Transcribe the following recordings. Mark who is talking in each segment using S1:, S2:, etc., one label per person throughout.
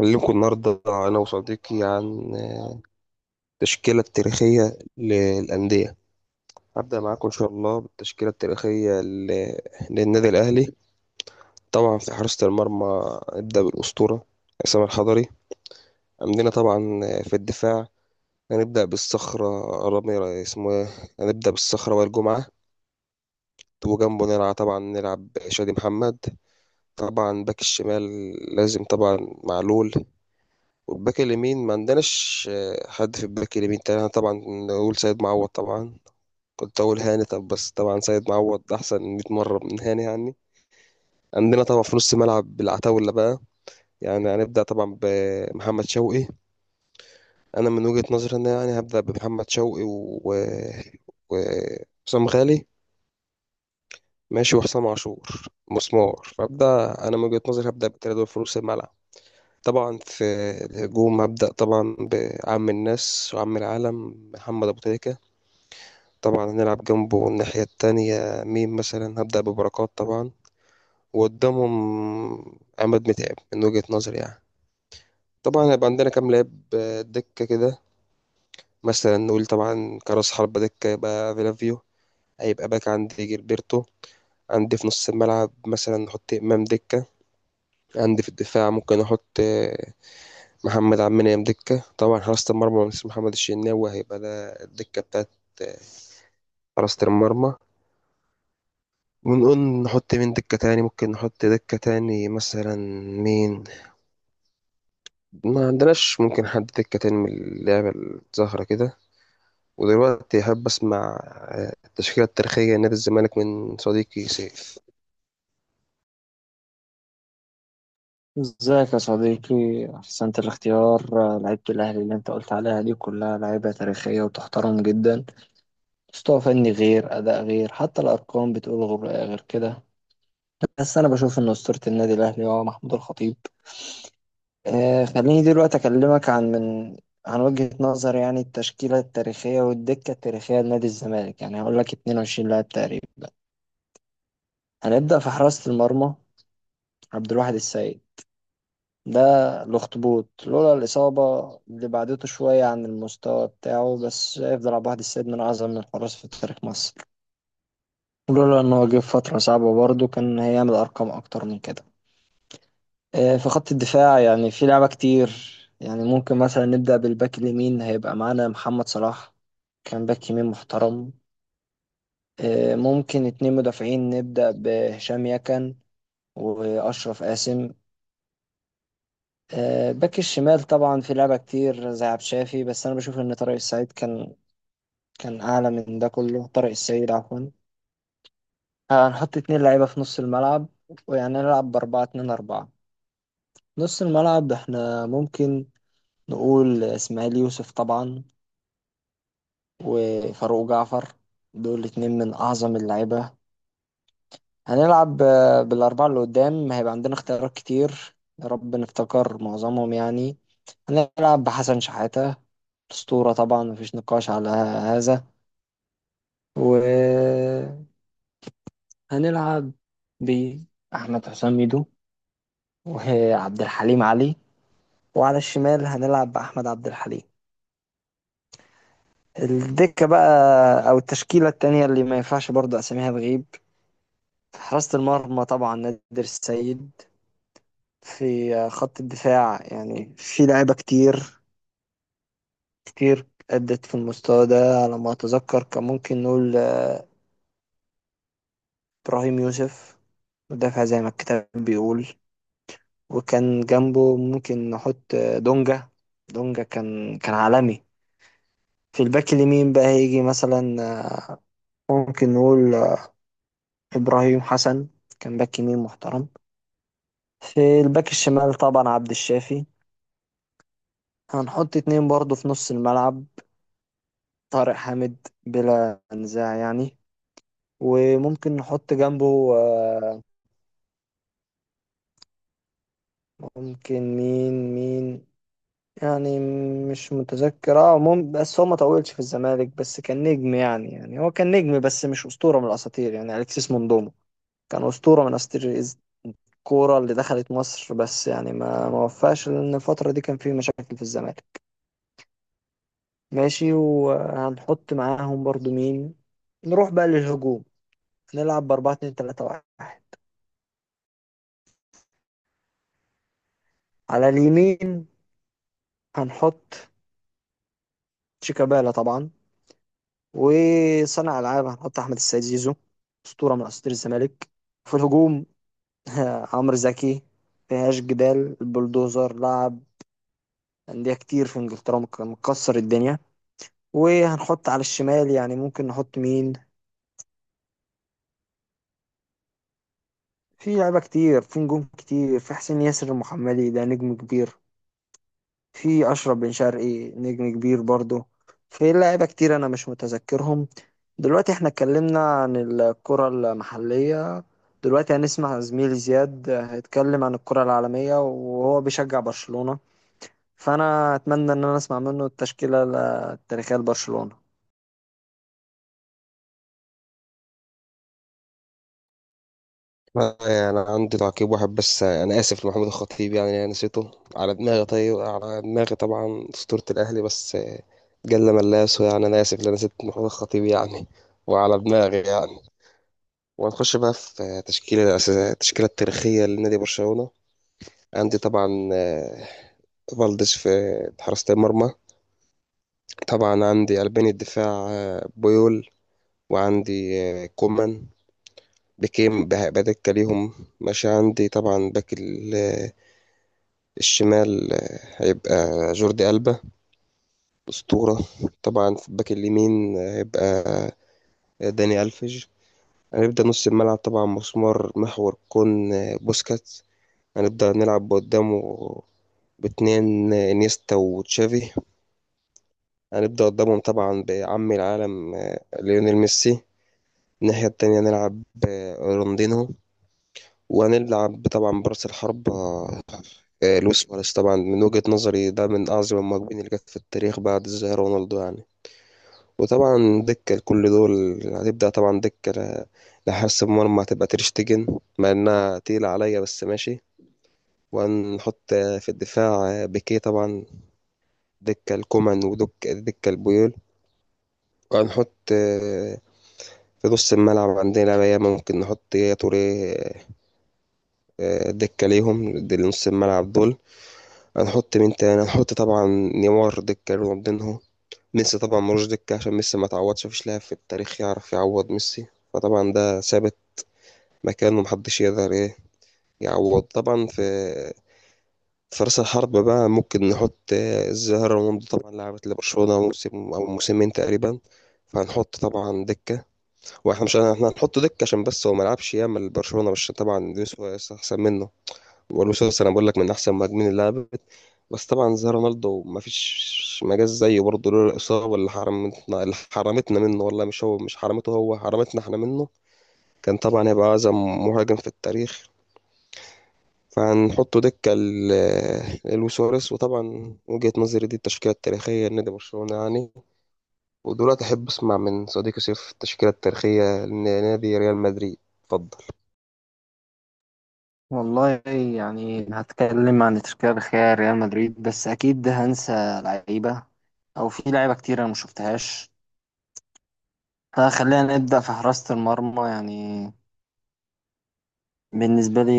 S1: أكلمكم النهاردة أنا وصديقي عن التشكيلة التاريخية للأندية. هبدأ معاكم إن شاء الله بالتشكيلة التاريخية للنادي الأهلي. طبعا في حراسة المرمى نبدأ بالأسطورة عصام الحضري. عندنا طبعا في الدفاع هنبدأ بالصخرة، رامي اسمه إيه؟ هنبدأ بالصخرة وائل جمعة، وجنبه نلعب طبعا شادي محمد. طبعا باك الشمال لازم طبعا معلول، والباك اليمين ما عندناش. حد في الباك اليمين تاني؟ أنا طبعا نقول سيد معوض. طبعا كنت أقول هاني، طب بس طبعا سيد معوض أحسن 100 مرة من هاني يعني. عندنا طبعا في نص ملعب العتاولة بقى، يعني هنبدأ طبعا بمحمد شوقي. أنا من وجهة نظري إن يعني هبدأ بمحمد شوقي وحسام غالي، ماشي، وحسام عاشور مسمار. فأبدأ أنا من وجهة نظري هبدأ بالتلاتة دول في نص الملعب. طبعا في الهجوم هبدأ طبعا بعم الناس وعم العالم محمد أبو تريكة. طبعا هنلعب جنبه الناحية التانية مين؟ مثلا هبدأ ببركات طبعا، وقدامهم عماد متعب من وجهة نظري يعني. طبعا هيبقى عندنا كام لاعب دكة كده. مثلا نقول طبعا كراس حربة دكة يبقى فيلافيو، هيبقى باك عندي جilberto. عندي في نص الملعب مثلا نحط إمام دكة. عندي في الدفاع ممكن أحط محمد عبد المنعم دكة. طبعا حراسة المرمى مثل محمد الشناوي هيبقى ده الدكة بتاعت آه، حراسة المرمى. ونقول نحط مين دكة تاني؟ ممكن نحط دكة تاني مثلا مين؟ ما عندناش. ممكن حد دكة تاني من اللعبة الزهرة كده. ودلوقتي أحب أسمع التشكيلة التاريخية نادي الزمالك من صديقي سيف.
S2: ازيك يا صديقي؟ احسنت الاختيار. لعيبة الاهلي اللي انت قلت عليها دي كلها لعيبة تاريخية وتحترم جدا. مستوى فني غير، اداء غير، حتى الارقام بتقول غير كده. بس انا بشوف ان اسطورة النادي الاهلي هو محمود الخطيب. خليني دلوقتي اكلمك عن وجهة نظر، يعني التشكيلة التاريخية والدكة التاريخية لنادي الزمالك، يعني هقول لك 22 لاعب تقريبا. هنبدأ في حراسة المرمى، عبد الواحد السيد، ده الأخطبوط. لولا الإصابة اللي بعدته شوية عن المستوى بتاعه، بس هيفضل عبد الواحد السيد من أعظم الحراس في تاريخ مصر. لولا إن هو جه في فترة صعبة برضه كان هيعمل أرقام أكتر من كده. في خط الدفاع يعني في لعبة كتير. يعني ممكن مثلا نبدأ بالباك اليمين، هيبقى معانا محمد صلاح، كان باك يمين محترم. ممكن اتنين مدافعين، نبدأ بهشام يكن وأشرف قاسم. باك الشمال طبعا في لعبة كتير زي عبد الشافي، بس أنا بشوف إن طارق السعيد كان أعلى من ده كله. طارق السعيد، عفوا. هنحط اتنين لعيبة في نص الملعب، ويعني نلعب بأربعة اتنين أربعة. نص الملعب إحنا ممكن نقول إسماعيل يوسف طبعا، وفاروق جعفر، دول اتنين من أعظم اللعيبة. هنلعب بالأربعة اللي قدام، هيبقى عندنا اختيارات كتير، يا رب نفتكر معظمهم يعني. هنلعب بحسن شحاتة، أسطورة طبعا مفيش نقاش على هذا. وهنلعب بأحمد حسام ميدو، وعبد الحليم علي. وعلى الشمال هنلعب بأحمد عبد الحليم. الدكة بقى أو التشكيلة التانية اللي ما ينفعش برضه أساميها تغيب. في حراسة المرمى طبعا نادر السيد. في خط الدفاع يعني في لعيبة كتير كتير أدت في المستوى ده. على ما أتذكر كان ممكن نقول إبراهيم يوسف، مدافع زي ما الكتاب بيقول. وكان جنبه ممكن نحط دونجا. دونجا كان عالمي. في الباك اليمين بقى هيجي مثلا، ممكن نقول إبراهيم حسن، كان باك يمين محترم. في الباك الشمال طبعا عبد الشافي. هنحط اتنين برضه في نص الملعب، طارق حامد بلا نزاع يعني. وممكن نحط جنبه ممكن مين، يعني مش متذكر. بس هو ما طولش في الزمالك، بس كان نجم يعني. يعني هو كان نجم بس مش أسطورة من الأساطير، يعني أليكسيس موندومو كان أسطورة من أساطير الكورة اللي دخلت مصر. بس يعني ما وفاش، لأن الفترة دي كان فيه مشاكل في الزمالك. ماشي، وهنحط معاهم برضو مين. نروح بقى للهجوم، نلعب بأربعة اتنين تلاتة واحد. على اليمين هنحط شيكابالا طبعا. وصانع ألعاب هنحط أحمد السيد زيزو، أسطورة من أساطير الزمالك. في الهجوم عمرو زكي، مفيهاش جدال، البلدوزر لعب أندية كتير في إنجلترا، مكسر الدنيا. وهنحط على الشمال يعني ممكن نحط مين. في لعيبة كتير، في نجوم كتير، في حسين ياسر المحمدي ده نجم كبير. في أشرف بن شرقي نجم كبير برضه. في لعيبة كتير أنا مش متذكرهم. دلوقتي احنا اتكلمنا عن الكرة المحلية. دلوقتي هنسمع زميلي زياد هيتكلم عن الكرة العالمية وهو بيشجع برشلونة. فانا اتمنى ان انا اسمع منه التشكيله التاريخيه لبرشلونه.
S1: يعني عندي تعقيب واحد بس. أنا آسف لمحمود الخطيب، يعني أنا نسيته على دماغي، طيب على دماغي طبعا أسطورة الأهلي، بس جل من لا يسهو يعني. أنا آسف لأن نسيت محمود الخطيب يعني، وعلى دماغي يعني. وهنخش بقى في تشكيلة الأساسية، التشكيلة التاريخية لنادي برشلونة. عندي طبعا فالديز في حراسة المرمى. طبعا عندي قلبين الدفاع، بويول، وعندي كومان بكيم بدكة ليهم ماشي. عندي طبعا باك الشمال، هيبقى جوردي ألبا، أسطورة. طبعا في الباك اليمين هيبقى داني ألفيج. هنبدأ نص الملعب طبعا مسمار محور كون، بوسكات. هنبدأ نلعب قدامه باتنين انيستا وتشافي. هنبدأ قدامهم طبعا بعم العالم ليونيل ميسي. الناحية التانية نلعب رونالدينو، وهنلعب طبعا برأس الحرب لويس سواريز. طبعا من وجهة نظري ده من أعظم المهاجمين اللي جت في التاريخ بعد الظاهرة رونالدو يعني. وطبعا دكة لكل دول. هتبدأ طبعا لحارس المرمى هتبقى تريشتجن، مع إنها تقيلة عليا بس ماشي. وهنحط في الدفاع بيكيه طبعا دكة الكومان، ودكة البيول. وهنحط في نص الملعب عندنا بقى ممكن نحط يا توري، دكة ليهم دي نص الملعب دول. هنحط مين تاني؟ هنحط طبعا نيمار دكة رونالدينهو. ميسي طبعا ملوش دكة عشان ميسي ما تعوضش، مفيش لاعب في التاريخ يعرف يعوض ميسي، فطبعا ده ثابت، مكانه محدش يقدر ايه يعوض طبعا. في راس الحرب بقى ممكن نحط الظاهرة رونالدو. طبعا لعبت لبرشلونة موسم أو موسمين تقريبا، فهنحط طبعا دكة. واحنا مش احنا هنحط دك عشان بس هو ما لعبش ياما لبرشلونه، مش طبعا لويس سواريز احسن منه. ولويس سواريز انا بقول لك من احسن المهاجمين اللي لعبت، بس طبعا زي رونالدو ما فيش مجال زيه برضه، لولا الاصابه اللي حرمتنا منه. والله مش هو، مش حرمته، هو حرمتنا احنا منه. كان طبعا هيبقى اعظم مهاجم في التاريخ، فهنحطه لويس سواريز. وطبعا وجهه نظري دي التشكيله التاريخيه لنادي برشلونه يعني. ودلوقتي احب اسمع من صديقي سيف التشكيله التاريخيه لنادي ريال مدريد. اتفضل.
S2: والله، يعني هتكلم عن تشكيلة الخيال ريال مدريد، بس أكيد هنسى لعيبة، أو في لعيبة كتير أنا مشوفتهاش. فخلينا نبدأ في حراسة المرمى يعني. بالنسبة لي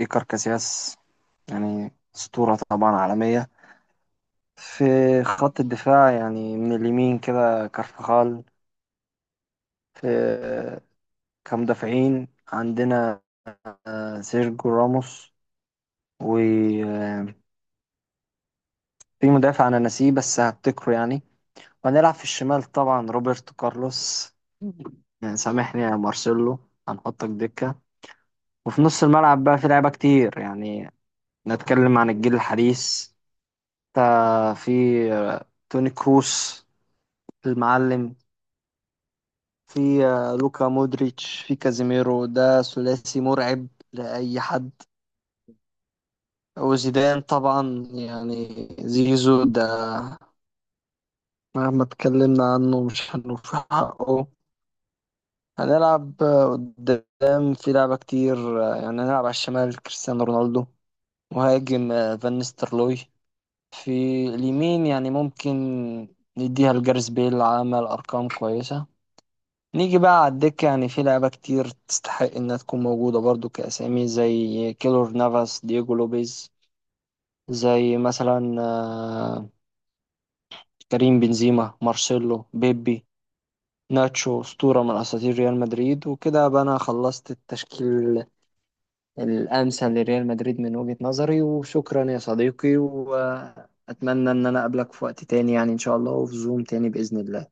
S2: إيكار كاسياس، يعني أسطورة طبعا عالمية. في خط الدفاع يعني من اليمين كده كارفخال. في كمدافعين عندنا سيرجيو راموس. وفي مدافع انا ناسيه بس هفتكره يعني. وهنلعب في الشمال طبعا روبرتو كارلوس. يعني سامحني يا مارسيلو، هنحطك دكة. وفي نص الملعب بقى في لعيبة كتير يعني. نتكلم عن الجيل الحديث، في توني كروس المعلم. في لوكا مودريتش، في كازيميرو، ده ثلاثي مرعب لأي حد. وزيدان طبعا يعني زيزو، ده مهما اتكلمنا عنه مش هنوفي حقه. هنلعب قدام في لعبة كتير يعني، هنلعب على الشمال كريستيانو رونالدو. مهاجم فان نيستلروي. في اليمين يعني ممكن نديها لجاريث بيل، عمل أرقام كويسة. نيجي بقى على الدكة، يعني في لعبة كتير تستحق إنها تكون موجودة برضو، كأسامي زي كيلور نافاس، دييجو لوبيز، زي مثلا كريم بنزيما، مارسيلو، بيبي، ناتشو، أسطورة من أساطير ريال مدريد. وكده بقى أنا خلصت التشكيل الأمثل لريال مدريد من وجهة نظري. وشكرا يا صديقي، وأتمنى إن أنا أقابلك في وقت تاني يعني، إن شاء الله، وفي زوم تاني بإذن الله.